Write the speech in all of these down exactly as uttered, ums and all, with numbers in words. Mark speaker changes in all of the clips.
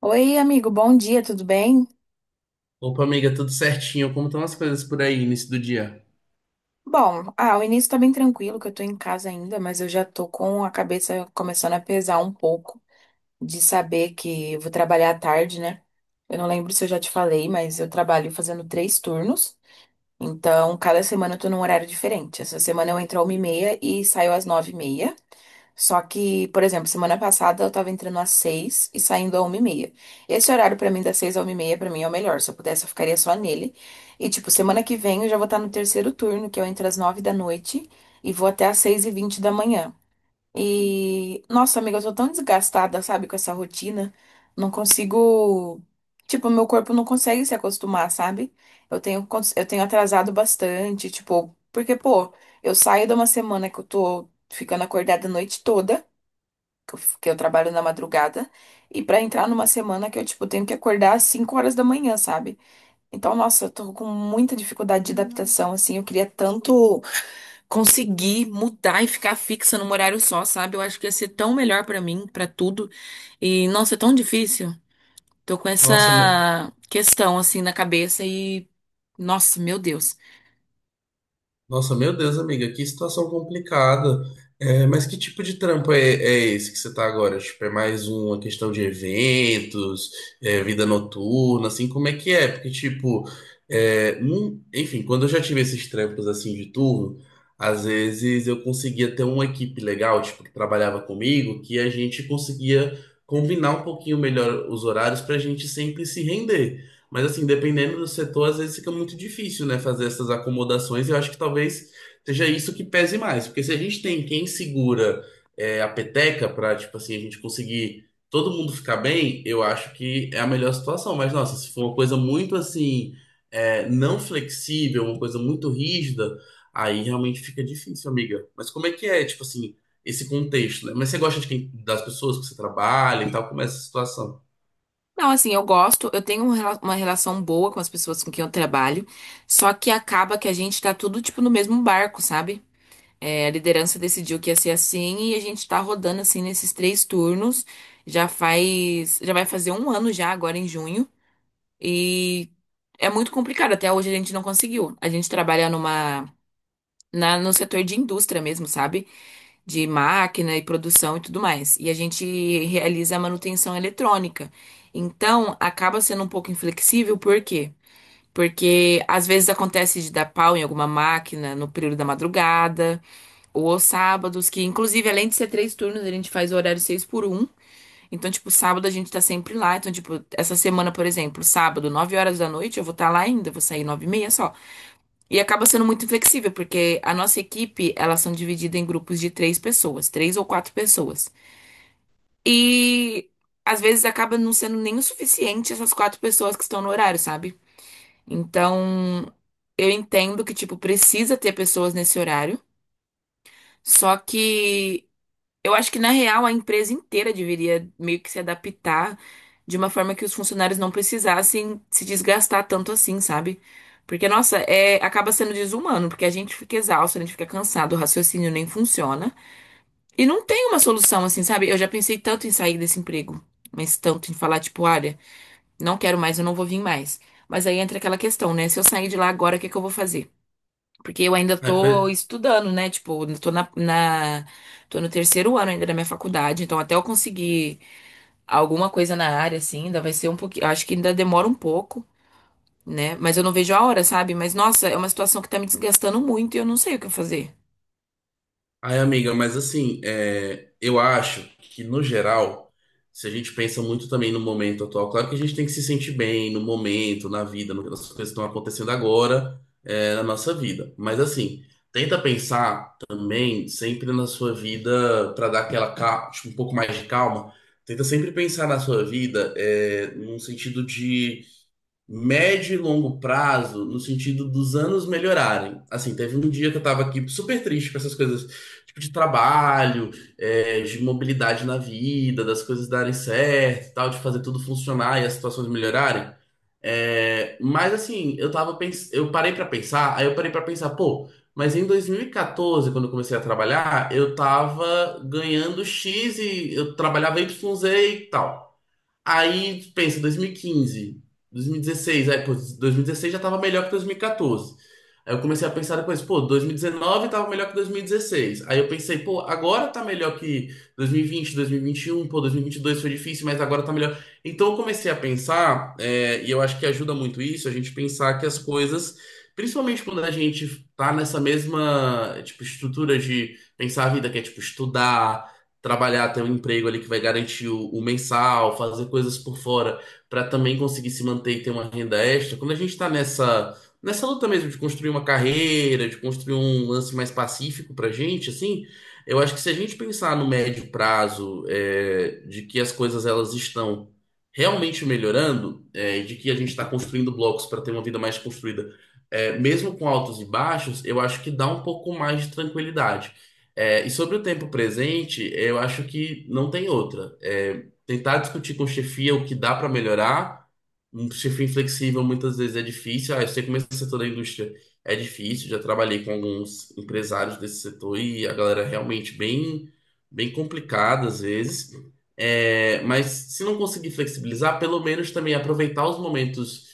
Speaker 1: Oi, amigo, bom dia, tudo bem?
Speaker 2: Opa, amiga, tudo certinho? Como estão as coisas por aí, início do dia?
Speaker 1: Bom, ah, o início tá bem tranquilo, que eu tô em casa ainda, mas eu já tô com a cabeça começando a pesar um pouco de saber que eu vou trabalhar à tarde, né? Eu não lembro se eu já te falei, mas eu trabalho fazendo três turnos, então cada semana eu tô num horário diferente. Essa semana eu entro às uma e meia e saio às nove e meia. Só que, por exemplo, semana passada eu tava entrando às seis e saindo à uma e meia. Esse horário pra mim, das seis à uma e meia, pra mim é o melhor. Se eu pudesse, eu ficaria só nele. E, tipo, semana que vem eu já vou estar no terceiro turno, que eu entro às nove da noite e vou até às seis e vinte da manhã. E, nossa, amiga, eu tô tão desgastada, sabe, com essa rotina. Não consigo. Tipo, meu corpo não consegue se acostumar, sabe? Eu tenho, cons- eu tenho atrasado bastante, tipo, porque, pô, eu saio de uma semana que eu tô ficando acordada a noite toda, que eu, que eu trabalho na madrugada, e pra entrar numa semana que eu, tipo, tenho que acordar às cinco horas da manhã, sabe? Então, nossa, eu tô com muita dificuldade de adaptação, assim, eu queria tanto conseguir mudar e ficar fixa num horário só, sabe? Eu acho que ia ser tão melhor pra mim, pra tudo. E nossa, é tão difícil. Tô com
Speaker 2: Nossa, meu,
Speaker 1: essa questão assim na cabeça e nossa, meu Deus.
Speaker 2: nossa, meu Deus, amiga, que situação complicada. É, mas que tipo de trampo é, é esse que você tá agora? Tipo, é mais uma questão de eventos, é, vida noturna, assim, como é que é? Porque, tipo, é, num- enfim, quando eu já tive esses trampos, assim, de turno, às vezes eu conseguia ter uma equipe legal, tipo, que trabalhava comigo, que a gente conseguia combinar um pouquinho melhor os horários pra gente sempre se render. Mas assim, dependendo do setor, às vezes fica muito difícil, né, fazer essas acomodações. E eu acho que talvez seja isso que pese mais, porque se a gente tem quem segura é, a peteca para, tipo assim, a gente conseguir todo mundo ficar bem, eu acho que é a melhor situação. Mas nossa, se for uma coisa muito assim, é, não flexível, uma coisa muito rígida, aí realmente fica difícil, amiga. Mas como é que é, tipo assim, esse contexto, né? Mas você gosta de quem, das pessoas que você trabalha e tal, como é essa situação?
Speaker 1: Não, assim, eu gosto, eu tenho um rela- uma relação boa com as pessoas com quem eu trabalho, só que acaba que a gente tá tudo tipo no mesmo barco, sabe? É, a liderança decidiu que ia ser assim e a gente tá rodando assim nesses três turnos. Já faz, já vai fazer um ano já agora em junho. E é muito complicado. Até hoje a gente não conseguiu. A gente trabalha numa, na, no setor de indústria mesmo, sabe? De máquina e produção e tudo mais. E a gente realiza a manutenção eletrônica. Então, acaba sendo um pouco inflexível, por quê? Porque às vezes acontece de dar pau em alguma máquina no período da madrugada, ou aos sábados, que inclusive além de ser três turnos, a gente faz o horário seis por um. Então, tipo, sábado a gente tá sempre lá. Então, tipo, essa semana, por exemplo, sábado, nove horas da noite, eu vou estar lá ainda, vou sair nove e meia só. E acaba sendo muito flexível, porque a nossa equipe, elas são divididas em grupos de três pessoas, três ou quatro pessoas. E às vezes acaba não sendo nem o suficiente essas quatro pessoas que estão no horário, sabe? Então, eu entendo que, tipo, precisa ter pessoas nesse horário. Só que eu acho que, na real, a empresa inteira deveria meio que se adaptar de uma forma que os funcionários não precisassem se desgastar tanto assim, sabe? Porque, nossa, é, acaba sendo desumano, porque a gente fica exausto, a gente fica cansado, o raciocínio nem funciona. E não tem uma solução assim, sabe? Eu já pensei tanto em sair desse emprego, mas tanto em falar, tipo, olha, não quero mais, eu não vou vir mais. Mas aí entra aquela questão, né? Se eu sair de lá agora, o que que eu vou fazer? Porque eu ainda
Speaker 2: Ah.
Speaker 1: tô estudando, né? Tipo, eu tô na, na- tô no terceiro ano ainda da minha faculdade, então até eu conseguir alguma coisa na área, assim, ainda vai ser um pouquinho. Acho que ainda demora um pouco, né? Mas eu não vejo a hora, sabe? Mas nossa, é uma situação que tá me desgastando muito e eu não sei o que fazer.
Speaker 2: Ai, amiga, mas assim, é, eu acho que no geral, se a gente pensa muito também no momento atual, claro que a gente tem que se sentir bem no momento, na vida, no- nas coisas que estão acontecendo agora, é, na nossa vida. Mas assim, tenta pensar também sempre na sua vida para dar aquela ca- tipo, um pouco mais de calma. Tenta sempre pensar na sua vida, é, num sentido de médio e longo prazo, no sentido dos anos melhorarem. Assim, teve um dia que eu tava aqui super triste com essas coisas, tipo, de trabalho, é, de mobilidade na vida, das coisas darem certo, e tal, de fazer tudo funcionar e as situações melhorarem. É, mas assim, eu tava pens... eu parei pra pensar, aí eu parei pra pensar, pô, mas em dois mil e quatorze, quando eu comecei a trabalhar, eu tava ganhando X e eu trabalhava Y Z e tal. Aí, pensa, dois mil e quinze, dois mil e dezesseis, aí, pô, dois mil e dezesseis já tava melhor que dois mil e quatorze. Aí eu comecei a pensar depois, pô, dois mil e dezenove tava melhor que dois mil e dezesseis. Aí eu pensei, pô, agora tá melhor que dois mil e vinte, dois mil e vinte e um, pô, dois mil e vinte e dois foi difícil, mas agora tá melhor. Então eu comecei a pensar, é, e eu acho que ajuda muito isso, a gente pensar que as coisas, principalmente quando a gente tá nessa mesma, tipo, estrutura de pensar a vida, que é, tipo, estudar, trabalhar, ter um emprego ali que vai garantir o, o mensal, fazer coisas por fora para também conseguir se manter e ter uma renda extra. Quando a gente está nessa nessa luta mesmo de construir uma carreira, de construir um lance mais pacífico para gente, assim, eu acho que se a gente pensar no médio prazo, é, de que as coisas elas estão realmente melhorando, é, e de que a gente está construindo blocos para ter uma vida mais construída. é, mesmo com altos e baixos, eu acho que dá um pouco mais de tranquilidade. É, e sobre o tempo presente, eu acho que não tem outra. É, tentar discutir com chefia o que dá para melhorar. Um chefia inflexível muitas vezes é difícil. Ah, eu sei como esse setor da indústria é difícil. Já trabalhei com alguns empresários desse setor e a galera é realmente bem, bem complicada às vezes. É, mas se não conseguir flexibilizar, pelo menos também aproveitar os momentos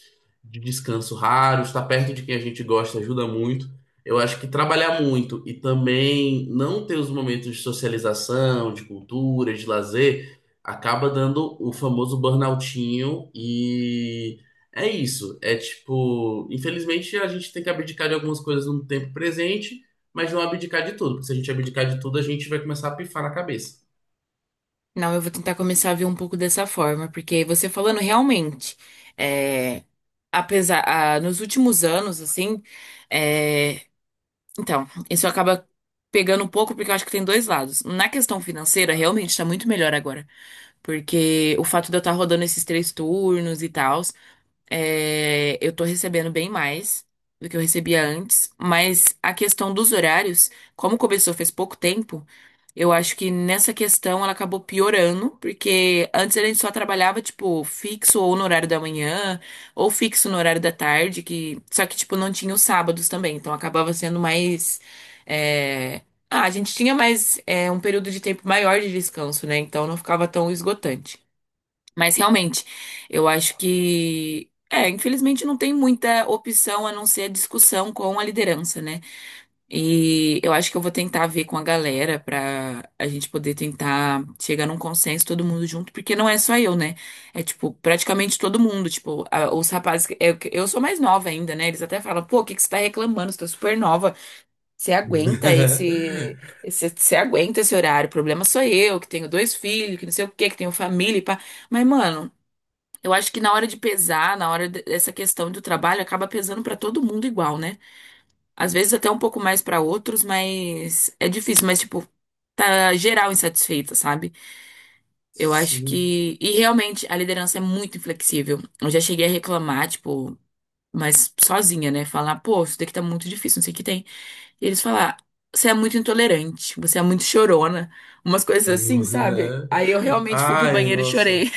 Speaker 2: de descanso raros, estar perto de quem a gente gosta ajuda muito. Eu acho que trabalhar muito e também não ter os momentos de socialização, de cultura, de lazer, acaba dando o famoso burnoutinho e é isso. É tipo, infelizmente a gente tem que abdicar de algumas coisas no tempo presente, mas não abdicar de tudo, porque se a gente abdicar de tudo, a gente vai começar a pifar na cabeça.
Speaker 1: Não, eu vou tentar começar a ver um pouco dessa forma, porque você falando realmente, é, apesar, ah, nos últimos anos, assim, é, então, isso acaba pegando um pouco porque eu acho que tem dois lados. Na questão financeira, realmente está muito melhor agora, porque o fato de eu estar rodando esses três turnos e tal, é, eu tô recebendo bem mais do que eu recebia antes, mas a questão dos horários, como começou fez pouco tempo, eu acho que nessa questão ela acabou piorando, porque antes a gente só trabalhava, tipo, fixo ou no horário da manhã, ou fixo no horário da tarde, que só que, tipo, não tinha os sábados também, então acabava sendo mais. É, ah, a gente tinha mais é, um período de tempo maior de descanso, né? Então não ficava tão esgotante. Mas realmente, eu acho que, é, infelizmente não tem muita opção a não ser a discussão com a liderança, né? E eu acho que eu vou tentar ver com a galera pra a gente poder tentar chegar num consenso todo mundo junto, porque não é só eu, né? É tipo, praticamente todo mundo, tipo, a- os rapazes, que- eu, eu sou mais nova ainda, né? Eles até falam, pô, o que que você tá reclamando? Você tá super nova. Você aguenta esse, esse, você aguenta esse horário. O problema sou eu, que tenho dois filhos, que não sei o quê, que tenho família e pá. Mas, mano, eu acho que na hora de pesar, na hora de- dessa questão do trabalho, acaba pesando pra todo mundo igual, né? Às vezes até um pouco mais pra outros, mas é difícil, mas tipo, tá geral insatisfeita, sabe? Eu acho
Speaker 2: Sim.
Speaker 1: que e realmente a liderança é muito inflexível. Eu já cheguei a reclamar, tipo, mas sozinha, né? Falar, pô, isso daqui tá muito difícil, não sei o que tem. E eles falar, você é muito intolerante, você é muito chorona, umas coisas assim, sabe? Aí eu realmente fui pro
Speaker 2: Ai,
Speaker 1: banheiro e
Speaker 2: nossa.
Speaker 1: chorei.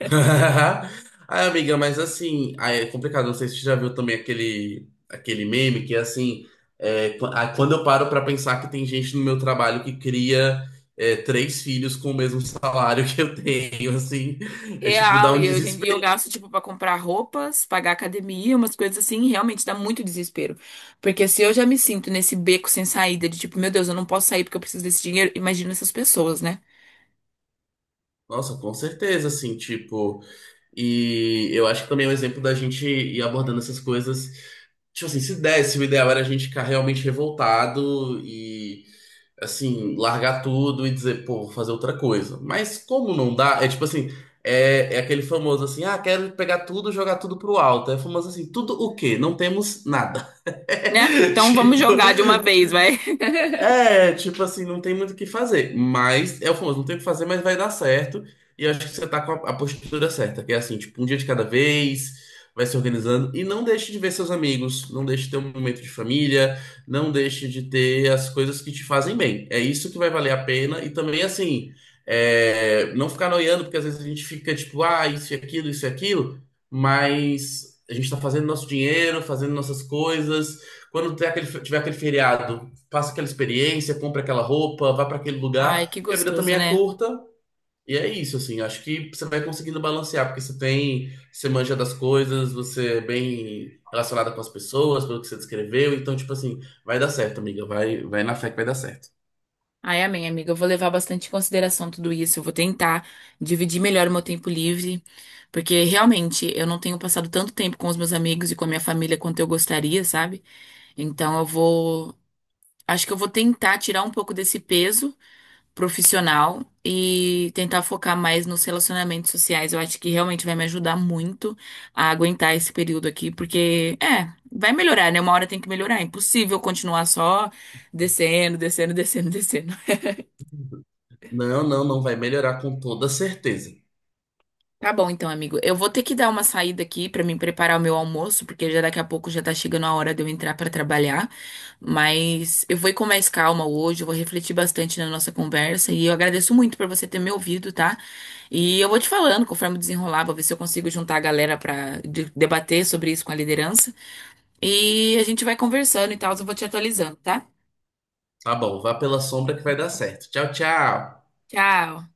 Speaker 2: Ai, amiga, mas assim, aí é complicado. Não sei se você já viu também aquele, aquele meme que é assim: é, qu- ah, quando eu paro pra pensar que tem gente no meu trabalho que cria é, três filhos com o mesmo salário que eu tenho, assim, é tipo, dá
Speaker 1: Real,
Speaker 2: um
Speaker 1: e eu, gen- e eu
Speaker 2: desespero.
Speaker 1: gasto, tipo, pra comprar roupas, pagar academia, umas coisas assim, e realmente dá muito desespero. Porque se eu já me sinto nesse beco sem saída, de tipo, meu Deus, eu não posso sair porque eu preciso desse dinheiro, imagina essas pessoas, né?
Speaker 2: Nossa, com certeza, assim, tipo. E eu acho que também é um exemplo da gente ir abordando essas coisas. Tipo assim, se desse, o ideal era a gente ficar realmente revoltado assim, largar tudo e dizer, pô, vou fazer outra coisa. Mas como não dá, é tipo assim, é, é aquele famoso assim, ah, quero pegar tudo, jogar tudo pro alto. É famoso assim, tudo o quê? Não temos nada.
Speaker 1: Né? Então vamos
Speaker 2: Tipo,
Speaker 1: jogar de uma vez, vai.
Speaker 2: é, tipo assim, não tem muito o que fazer. Mas é o famoso, não tem o que fazer, mas vai dar certo. E eu acho que você tá com a, a postura certa, que é assim, tipo, um dia de cada vez, vai se organizando. E não deixe de ver seus amigos, não deixe de ter um momento de família, não deixe de ter as coisas que te fazem bem. É isso que vai valer a pena. E também, assim, é, não ficar noiando, porque às vezes a gente fica tipo, ah, isso e aquilo, isso e aquilo, mas a gente tá fazendo nosso dinheiro, fazendo nossas coisas. Quando tiver aquele, tiver aquele feriado passa aquela experiência, compra aquela roupa, vai para aquele
Speaker 1: Ai,
Speaker 2: lugar,
Speaker 1: que
Speaker 2: porque a vida também
Speaker 1: gostoso,
Speaker 2: é
Speaker 1: né?
Speaker 2: curta. E é isso, assim, acho que você vai conseguindo balancear, porque você tem, você manja das coisas, você é bem relacionada com as pessoas, pelo que você descreveu, então, tipo assim, vai dar certo, amiga, vai, vai na fé que vai dar certo.
Speaker 1: Ai, amém, amiga. Eu vou levar bastante em consideração tudo isso. Eu vou tentar dividir melhor o meu tempo livre, porque realmente eu não tenho passado tanto tempo com os meus amigos e com a minha família quanto eu gostaria, sabe? Então eu vou Acho que eu vou tentar tirar um pouco desse peso profissional e tentar focar mais nos relacionamentos sociais. Eu acho que realmente vai me ajudar muito a aguentar esse período aqui, porque é, vai melhorar, né? Uma hora tem que melhorar. É impossível continuar só descendo, descendo, descendo, descendo.
Speaker 2: Não, não, não vai melhorar com toda certeza.
Speaker 1: Tá bom, então, amigo. Eu vou ter que dar uma saída aqui pra me preparar o meu almoço, porque já daqui a pouco já tá chegando a hora de eu entrar pra trabalhar. Mas eu vou ir com mais calma hoje, eu vou refletir bastante na nossa conversa e eu agradeço muito por você ter me ouvido, tá? E eu vou te falando conforme desenrolar, vou ver se eu consigo juntar a galera pra de- debater sobre isso com a liderança. E a gente vai conversando e tal, eu vou te atualizando, tá?
Speaker 2: Tá bom, vá pela sombra que vai dar certo. Tchau, tchau.
Speaker 1: Tchau.